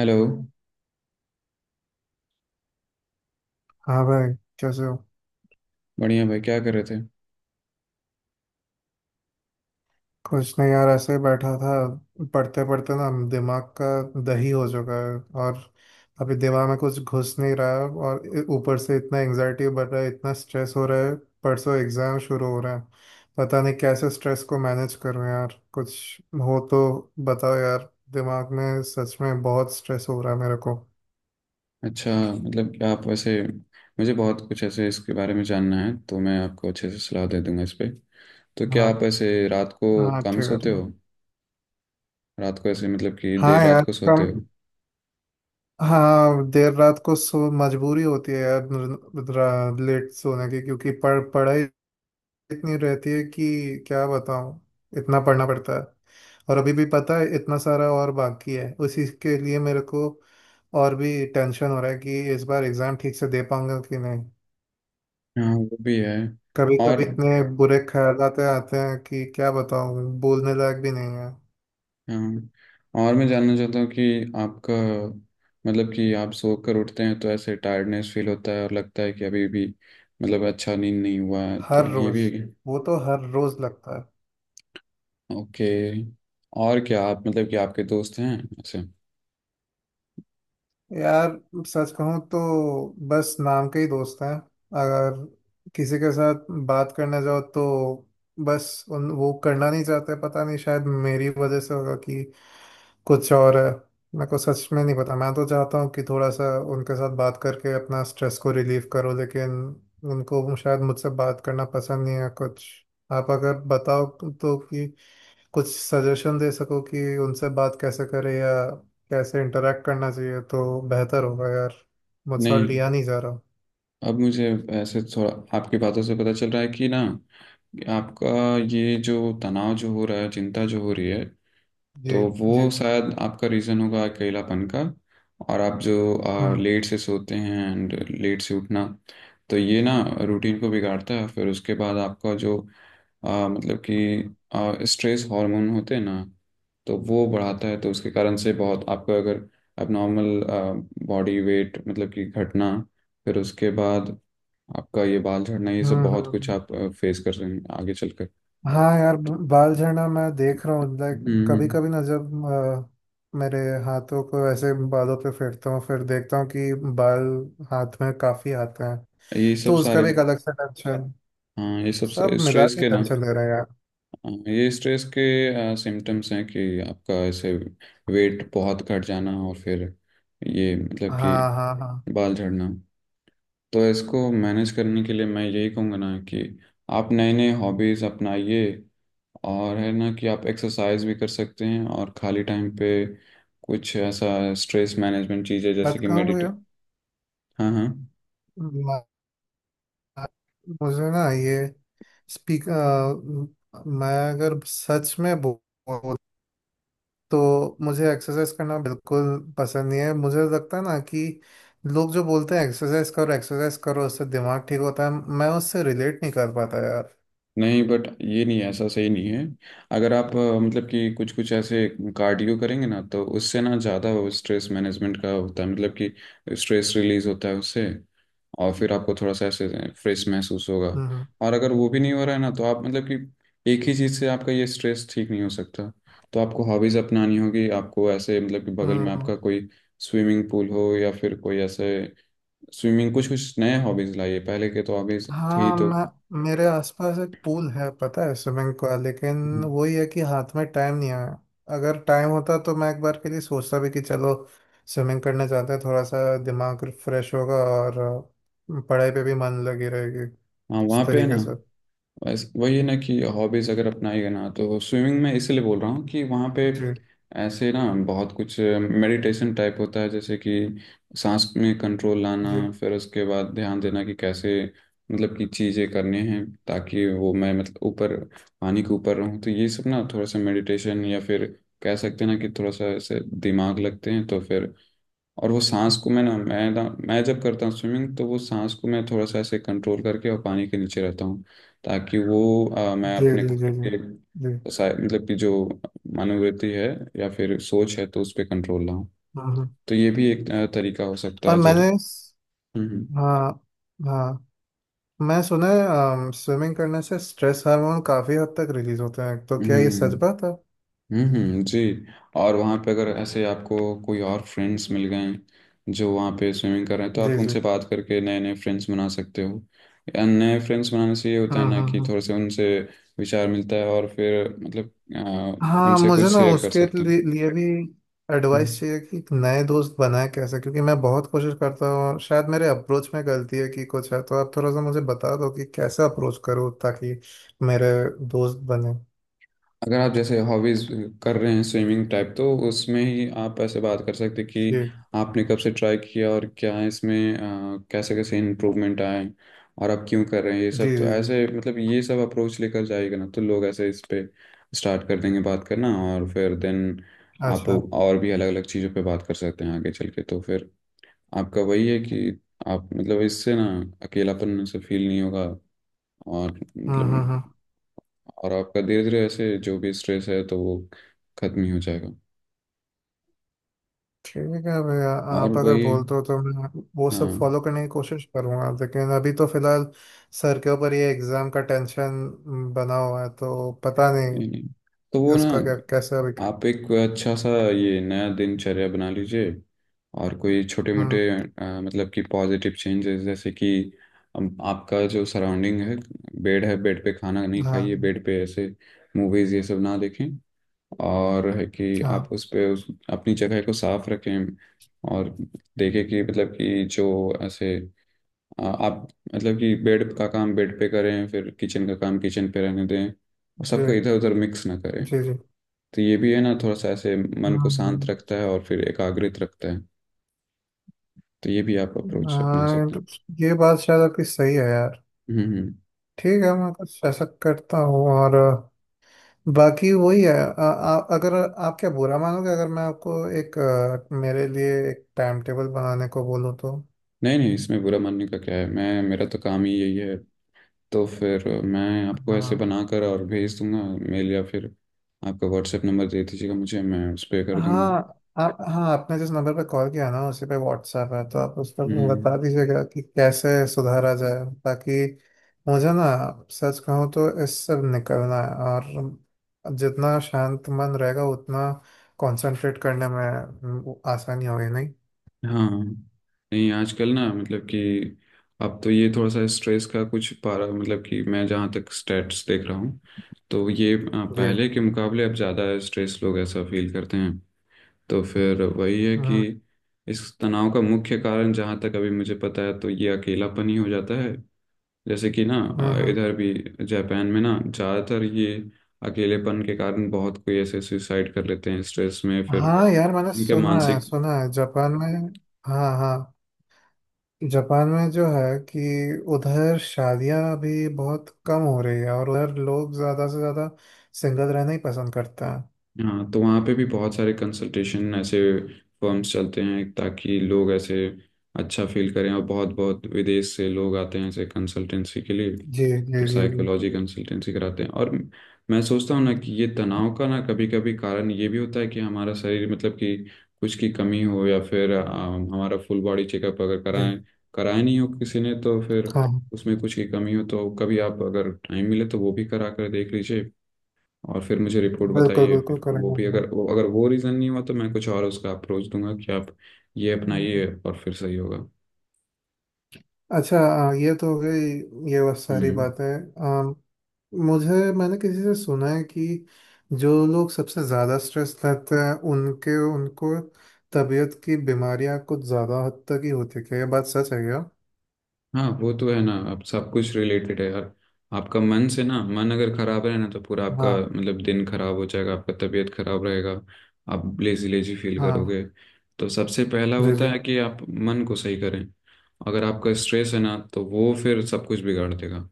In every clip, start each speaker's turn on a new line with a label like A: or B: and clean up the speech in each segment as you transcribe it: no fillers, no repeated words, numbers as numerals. A: Hello.
B: हाँ भाई। कैसे हो?
A: बढ़िया भाई, क्या कर रहे थे?
B: कुछ नहीं यार, ऐसे ही बैठा था। पढ़ते पढ़ते ना दिमाग का दही हो चुका है। और अभी दिमाग में कुछ घुस नहीं रहा है और ऊपर से इतना एंजाइटी बढ़ रहा है, इतना स्ट्रेस हो रहा है। परसों एग्जाम शुरू हो रहा है। पता नहीं कैसे स्ट्रेस को मैनेज करूँ यार। कुछ हो तो बताओ यार, दिमाग में सच में बहुत स्ट्रेस हो रहा है मेरे को।
A: अच्छा, मतलब कि आप वैसे, मुझे बहुत कुछ ऐसे इसके बारे में जानना है, तो मैं आपको अच्छे से सलाह दे दूंगा इस पे। तो क्या आप
B: हाँ।
A: ऐसे रात को
B: हाँ ठीक
A: कम
B: है
A: सोते
B: ठीक है।
A: हो? रात को ऐसे मतलब कि
B: हाँ
A: देर रात
B: यार।
A: को सोते हो?
B: हाँ देर रात को सो मजबूरी होती है यार लेट सोने की, क्योंकि पढ़ाई इतनी रहती है कि क्या बताऊँ। इतना पढ़ना पड़ता है। और अभी भी पता है इतना सारा और बाकी है, उसी के लिए मेरे को और भी टेंशन हो रहा है कि इस बार एग्ज़ाम ठीक से दे पाऊंगा कि नहीं।
A: हाँ वो भी है।
B: कभी कभी
A: और
B: इतने बुरे ख्याल आते हैं कि क्या बताऊँ, बोलने लायक भी नहीं है।
A: हाँ, और मैं जानना चाहता हूँ कि आपका, मतलब कि आप सो कर उठते हैं तो ऐसे टायर्डनेस फील होता है और लगता है कि अभी भी, मतलब अच्छा नींद नहीं हुआ है, तो
B: हर
A: ये
B: रोज़।
A: भी।
B: वो तो हर रोज़ लगता है।
A: ओके। और क्या आप, मतलब कि आपके दोस्त हैं ऐसे?
B: यार सच कहूँ तो बस नाम के ही दोस्त हैं। अगर किसी के साथ बात करने जाओ तो बस उन वो करना नहीं चाहते। पता नहीं शायद मेरी वजह से होगा कि कुछ और है, मेरे को सच में नहीं पता। मैं तो चाहता हूँ कि थोड़ा सा उनके साथ बात करके अपना स्ट्रेस को रिलीव करो, लेकिन उनको शायद मुझसे बात करना पसंद नहीं है कुछ। आप अगर बताओ तो कि कुछ सजेशन दे सको कि उनसे बात कैसे करें या कैसे इंटरेक्ट करना चाहिए तो बेहतर होगा यार। मुझसे और
A: नहीं,
B: लिया नहीं जा रहा।
A: अब मुझे ऐसे थोड़ा आपकी बातों से पता चल रहा है कि ना, आपका ये जो तनाव जो हो रहा है, चिंता जो हो रही है,
B: जी।
A: तो
B: जी।
A: वो शायद आपका रीज़न होगा अकेलापन का। और आप जो
B: हम्म
A: लेट से सोते हैं एंड लेट से उठना, तो ये ना रूटीन को बिगाड़ता है। फिर उसके बाद आपका जो मतलब कि स्ट्रेस हार्मोन होते हैं ना, तो वो बढ़ाता है। तो उसके कारण से बहुत आपका अगर नॉर्मल बॉडी वेट मतलब कि घटना, फिर उसके बाद आपका ये बाल झड़ना, ये सब
B: हम्म।
A: बहुत कुछ
B: हम्म।
A: आप फेस कर रहे हैं आगे चलकर।
B: हाँ यार, बाल झड़ना मैं देख रहा हूँ लाइक
A: हम्म
B: कभी
A: हम्म।
B: कभी ना, जब मेरे हाथों को ऐसे बालों पे फेरता हूँ फिर देखता हूँ कि बाल हाथ में काफी आते हैं।
A: ये सब
B: तो उसका
A: सारे
B: भी एक अलग से टेंशन।
A: हाँ, ये सब
B: सब मिला
A: स्ट्रेस
B: के
A: के ना।
B: टेंशन ले रहे हैं यार।
A: हाँ, ये स्ट्रेस के सिम्टम्स हैं कि आपका ऐसे वेट बहुत घट जाना, और फिर ये मतलब कि
B: हाँ हाँ हाँ।
A: बाल झड़ना। तो इसको मैनेज करने के लिए मैं यही कहूँगा ना कि आप नए नए हॉबीज़ अपनाइए, और है ना कि आप एक्सरसाइज भी कर सकते हैं, और खाली टाइम पे कुछ ऐसा स्ट्रेस मैनेजमेंट चीज़ें जैसे
B: मत
A: कि
B: कहो
A: मेडिटे। हाँ हाँ,
B: भैया। मुझे ना ये स्पीक। मैं अगर सच में बोलूँ तो मुझे एक्सरसाइज करना बिल्कुल पसंद नहीं है। मुझे लगता है ना कि लोग जो बोलते हैं एक्सरसाइज करो उससे दिमाग ठीक होता है, मैं उससे रिलेट नहीं कर पाता यार।
A: नहीं बट ये नहीं है, ऐसा सही नहीं है। अगर आप मतलब कि कुछ कुछ ऐसे कार्डियो करेंगे ना, तो उससे ना ज़्यादा स्ट्रेस मैनेजमेंट का होता है, मतलब कि स्ट्रेस रिलीज होता है उससे, और फिर आपको थोड़ा सा ऐसे फ्रेश महसूस होगा।
B: हम्म।
A: और अगर वो भी नहीं हो रहा है ना, तो आप मतलब कि एक ही चीज़ से आपका ये स्ट्रेस ठीक नहीं हो सकता। तो आपको हॉबीज़ अपनानी होगी, आपको ऐसे मतलब कि बगल में
B: हम्म।
A: आपका कोई स्विमिंग पूल हो, या फिर कोई ऐसे स्विमिंग कुछ कुछ नए हॉबीज़ लाइए, पहले के तो हॉबीज़ थे ही
B: हाँ
A: तो।
B: मैं, मेरे आसपास एक पूल है पता है स्विमिंग का, लेकिन
A: हम्म।
B: वही है कि हाथ में टाइम नहीं है। अगर टाइम होता तो मैं एक बार के लिए सोचता भी कि चलो स्विमिंग करने जाते हैं, थोड़ा सा दिमाग फ्रेश होगा और पढ़ाई पे भी मन लगी रहेगी
A: हाँ
B: उस
A: वहाँ पे है
B: तरीके
A: ना,
B: से।
A: बस वही है ना कि हॉबीज अगर अपनाएगा ना, तो स्विमिंग में इसीलिए बोल रहा हूँ कि वहाँ पे
B: जी
A: ऐसे ना बहुत कुछ मेडिटेशन टाइप होता है, जैसे कि सांस में कंट्रोल
B: जी
A: लाना, फिर उसके बाद ध्यान देना कि कैसे मतलब कि चीज़ें करनी हैं, ताकि वो मैं मतलब ऊपर पानी के ऊपर रहूँ। तो ये सब ना थोड़ा सा मेडिटेशन, या फिर कह सकते हैं ना कि थोड़ा सा ऐसे दिमाग लगते हैं तो फिर। और वो सांस को मैं जब करता हूँ स्विमिंग, तो वो सांस को मैं थोड़ा सा ऐसे कंट्रोल करके और पानी के नीचे रहता हूँ, ताकि वो मैं
B: जी
A: अपने
B: जी। जी
A: खुद
B: जी जी।
A: के सा- मतलब कि जो मनोवृत्ति है या फिर सोच है, तो उस पर कंट्रोल लाऊं।
B: हम्म हम्म।
A: तो ये भी एक तरीका हो सकता
B: और
A: है
B: मैंने।
A: जरिए। हम्म
B: हाँ। हाँ। मैं सुना है स्विमिंग करने से स्ट्रेस हार्मोन काफी हद तक रिलीज होते हैं, तो क्या ये सच
A: हम्म
B: बात है?
A: जी। और वहाँ पे अगर ऐसे आपको कोई और फ्रेंड्स मिल गए जो वहाँ पे स्विमिंग कर रहे हैं, तो
B: जी
A: आप
B: जी।
A: उनसे बात करके नए नए फ्रेंड्स बना सकते हो। या नए फ्रेंड्स बनाने से ये होता
B: हम्म
A: है ना
B: हम्म,
A: कि
B: हम्म।
A: थोड़े से उनसे विचार मिलता है और फिर मतलब
B: हाँ
A: उनसे कुछ
B: मुझे ना
A: शेयर कर
B: उसके
A: सकते
B: लिए भी एडवाइस
A: हैं।
B: चाहिए कि एक नए दोस्त बनाए कैसे, क्योंकि मैं बहुत कोशिश करता हूँ और शायद मेरे अप्रोच में गलती है कि कुछ है, तो आप थोड़ा सा मुझे बता दो कि कैसे अप्रोच करूँ ताकि मेरे दोस्त बने।
A: अगर आप जैसे हॉबीज कर रहे हैं स्विमिंग टाइप, तो उसमें ही आप ऐसे बात कर सकते हैं कि
B: जी
A: आपने कब से ट्राई किया, और क्या है इसमें, कैसे कैसे इम्प्रूवमेंट आए, और आप क्यों कर रहे हैं ये
B: जी
A: सब।
B: जी
A: तो
B: जी।
A: ऐसे मतलब ये सब अप्रोच लेकर जाएगा ना, तो लोग ऐसे इस पे स्टार्ट कर देंगे बात करना, और फिर देन आप
B: अच्छा।
A: और भी अलग अलग चीज़ों पे बात कर सकते हैं आगे चल के। तो फिर आपका वही है कि आप मतलब इससे ना अकेलापन से फील नहीं होगा। और मतलब
B: हम्म।
A: और आपका धीरे धीरे ऐसे जो भी स्ट्रेस है, तो वो खत्म ही हो जाएगा।
B: ठीक है भैया,
A: और
B: आप अगर
A: वही
B: बोलते हो तो मैं वो सब
A: हाँ,
B: फॉलो करने की कोशिश करूँगा, लेकिन अभी तो फिलहाल सर के ऊपर ये एग्ज़ाम का टेंशन बना हुआ है, तो पता
A: नहीं
B: नहीं
A: नहीं, तो वो ना
B: उसका क्या कैसे अभी।
A: आप एक अच्छा सा ये नया दिनचर्या बना लीजिए, और कोई छोटे मोटे
B: हम्म।
A: मतलब कि पॉजिटिव चेंजेस, जैसे कि आपका जो सराउंडिंग है, बेड है बेड पे खाना नहीं खाइए,
B: हाँ।
A: बेड पे ऐसे मूवीज ये सब ना देखें, और है कि
B: हाँ।
A: आप उस पे उस अपनी जगह को साफ रखें, और देखें कि मतलब कि जो ऐसे आप मतलब कि बेड का काम बेड पे करें, फिर किचन का काम किचन पे रहने दें, और
B: जी
A: सबको इधर उधर मिक्स ना करें।
B: जी जी।
A: तो ये भी है ना थोड़ा सा ऐसे मन को शांत
B: हम्म,
A: रखता है और फिर एकाग्रित रखता है। तो ये भी आप अप्रोच अपना
B: हाँ
A: सकते
B: तो
A: हैं।
B: ये बात शायद आपकी सही है यार।
A: हम्म हम्म।
B: ठीक है मैं कुछ ऐसा करता हूँ और बाकी वही है। अगर आप क्या बुरा मानोगे, अगर मैं आपको एक मेरे लिए एक टाइम टेबल बनाने को बोलूँ तो?
A: नहीं नहीं, इसमें बुरा मानने का क्या है, मैं मेरा तो काम ही यही है। तो फिर मैं आपको ऐसे
B: हाँ।
A: बनाकर और भेज दूंगा मेल, या फिर आपका व्हाट्सएप नंबर दे दीजिएगा मुझे, मैं उस पर कर
B: हाँ
A: दूंगा।
B: आप हाँ, आपने जिस नंबर पे कॉल किया ना उसी पे व्हाट्सएप है, तो आप उस पर
A: हम्म।
B: बता दीजिएगा कि कैसे सुधारा जाए ताकि मुझे ना सच कहूँ तो इससे निकलना है, और जितना शांत मन रहेगा उतना कंसंट्रेट करने में आसानी होगी नहीं।
A: हाँ, नहीं आजकल ना मतलब कि अब तो ये थोड़ा सा स्ट्रेस का कुछ पारा, मतलब कि मैं जहाँ तक स्टेट्स देख रहा हूँ, तो ये
B: जी।
A: पहले के मुकाबले अब ज़्यादा स्ट्रेस लोग ऐसा फील करते हैं। तो फिर वही है कि
B: हम्म
A: इस तनाव का मुख्य कारण जहाँ तक अभी मुझे पता है, तो ये अकेलापन ही हो जाता है। जैसे कि ना
B: हम्म हम्म।
A: इधर भी जापान में ना ज़्यादातर ये अकेलेपन के कारण बहुत कोई ऐसे सुसाइड कर लेते हैं स्ट्रेस में फिर
B: हाँ यार मैंने
A: उनके मानसिक।
B: सुना है जापान में। हाँ हाँ, जापान में जो है कि उधर शादियां अभी बहुत कम हो रही है और उधर लोग ज्यादा से ज्यादा सिंगल रहना ही पसंद करते हैं।
A: हाँ तो वहाँ पे भी बहुत सारे कंसल्टेशन ऐसे फर्म्स चलते हैं, ताकि लोग ऐसे अच्छा फील करें। और बहुत बहुत विदेश से लोग आते हैं ऐसे कंसल्टेंसी के लिए,
B: जी जी
A: तो
B: जी जी।
A: साइकोलॉजी कंसल्टेंसी कराते हैं। और मैं सोचता हूँ ना कि ये तनाव का ना कभी कभी कारण ये भी होता है कि हमारा शरीर मतलब कि कुछ की कमी हो, या फिर हमारा फुल बॉडी चेकअप अगर
B: जी।
A: कराएं, कराए नहीं हो किसी ने, तो फिर
B: हाँ
A: उसमें कुछ की कमी हो। तो कभी आप अगर टाइम मिले तो वो भी करा कर देख लीजिए, और फिर मुझे रिपोर्ट
B: बिल्कुल
A: बताइए।
B: बिल्कुल
A: फिर वो
B: करेंगे
A: भी
B: हम भी।
A: अगर वो रीज़न नहीं हुआ, तो मैं कुछ और उसका अप्रोच दूंगा कि आप ये
B: हम्म।
A: अपनाइए और फिर सही होगा।
B: अच्छा ये तो हो गई ये बस सारी
A: हम्म।
B: बातें। आ, मुझे, मैंने किसी से सुना है कि जो लोग सबसे ज़्यादा स्ट्रेस लेते हैं उनके उनको तबीयत की बीमारियां कुछ ज़्यादा हद तक ही होती है, क्या ये बात सच है क्या?
A: हाँ वो तो है ना, अब सब कुछ रिलेटेड है यार। आपका मन से ना, मन अगर खराब है ना, तो पूरा आपका
B: हाँ।
A: मतलब दिन खराब हो जाएगा, आपका तबीयत खराब रहेगा, आप लेजी लेजी फील
B: हाँ।
A: करोगे। तो सबसे पहला
B: जी
A: होता
B: जी।
A: है कि आप मन को सही करें। अगर आपका स्ट्रेस है ना, तो वो फिर सब कुछ बिगाड़ देगा।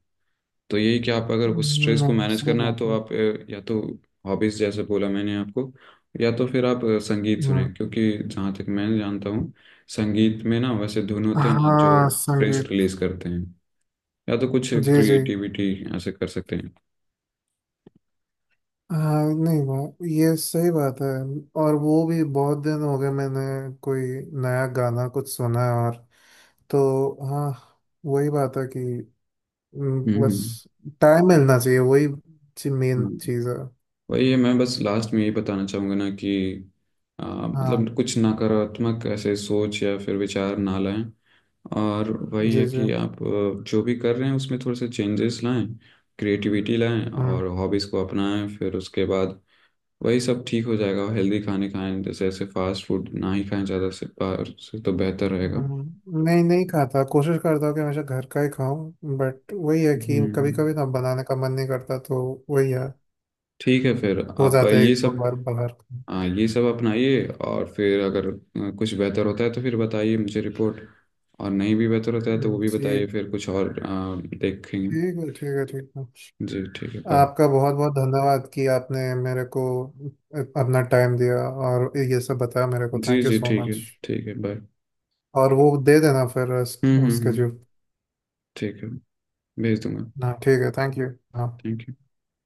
A: तो यही कि आप अगर उस स्ट्रेस को मैनेज
B: सही
A: करना है,
B: बात
A: तो
B: है।
A: आप या तो हॉबीज जैसे बोला मैंने आपको, या तो फिर आप संगीत सुने,
B: हम्म।
A: क्योंकि जहाँ तक मैं जानता हूँ संगीत में ना वैसे धुन होते हैं ना, जो
B: हाँ
A: स्ट्रेस
B: संगीत।
A: रिलीज करते हैं। या तो कुछ
B: जी जी।
A: क्रिएटिविटी ऐसे कर सकते हैं।
B: हाँ नहीं वो ये सही बात है। और वो भी बहुत दिन हो गए मैंने कोई नया गाना कुछ सुना है। और तो हाँ, वही बात है कि बस
A: हम्म।
B: टाइम मिलना चाहिए। वही मेन
A: हाँ।
B: चीज़ है।
A: वही है, मैं बस लास्ट में यही बताना चाहूँगा ना कि
B: हाँ।
A: मतलब कुछ नकारात्मक ऐसे सोच या फिर विचार ना लाएं। और वही है
B: जी जी।
A: कि आप जो भी कर रहे हैं उसमें थोड़े से चेंजेस लाएं, क्रिएटिविटी लाएं,
B: हम्म।
A: और हॉबीज़ को अपनाएं। फिर उसके बाद वही सब ठीक हो जाएगा। हेल्दी खाने खाएं, जैसे ऐसे फास्ट फूड ना ही खाएं ज़्यादा, से बाहर से तो बेहतर रहेगा।
B: नहीं नहीं खाता, कोशिश करता हूँ कि हमेशा घर का ही खाऊं, बट वही है कि कभी
A: हम्म।
B: कभी ना बनाने का मन नहीं करता तो वही है,
A: ठीक है, फिर
B: हो
A: आप
B: जाता है
A: ये
B: एक
A: सब
B: दो बार बाहर।
A: हाँ ये सब अपनाइए, और फिर अगर कुछ बेहतर होता है तो फिर बताइए मुझे रिपोर्ट, और नहीं भी बेहतर होता है तो वो भी
B: जी।
A: बताइए, फिर कुछ और देखेंगे।
B: ठीक है ठीक है ठीक है।
A: जी ठीक है, बाय।
B: आपका बहुत बहुत धन्यवाद कि आपने मेरे को अपना टाइम दिया और ये सब बताया मेरे को।
A: जी
B: थैंक यू
A: जी
B: सो
A: ठीक है
B: मच।
A: ठीक है, बाय।
B: और वो दे देना फिर
A: हम्म हम्म
B: उसके
A: हम्म।
B: जो।
A: ठीक है, भेज दूंगा।
B: हाँ ठीक है, थैंक यू। हाँ।
A: Thank you.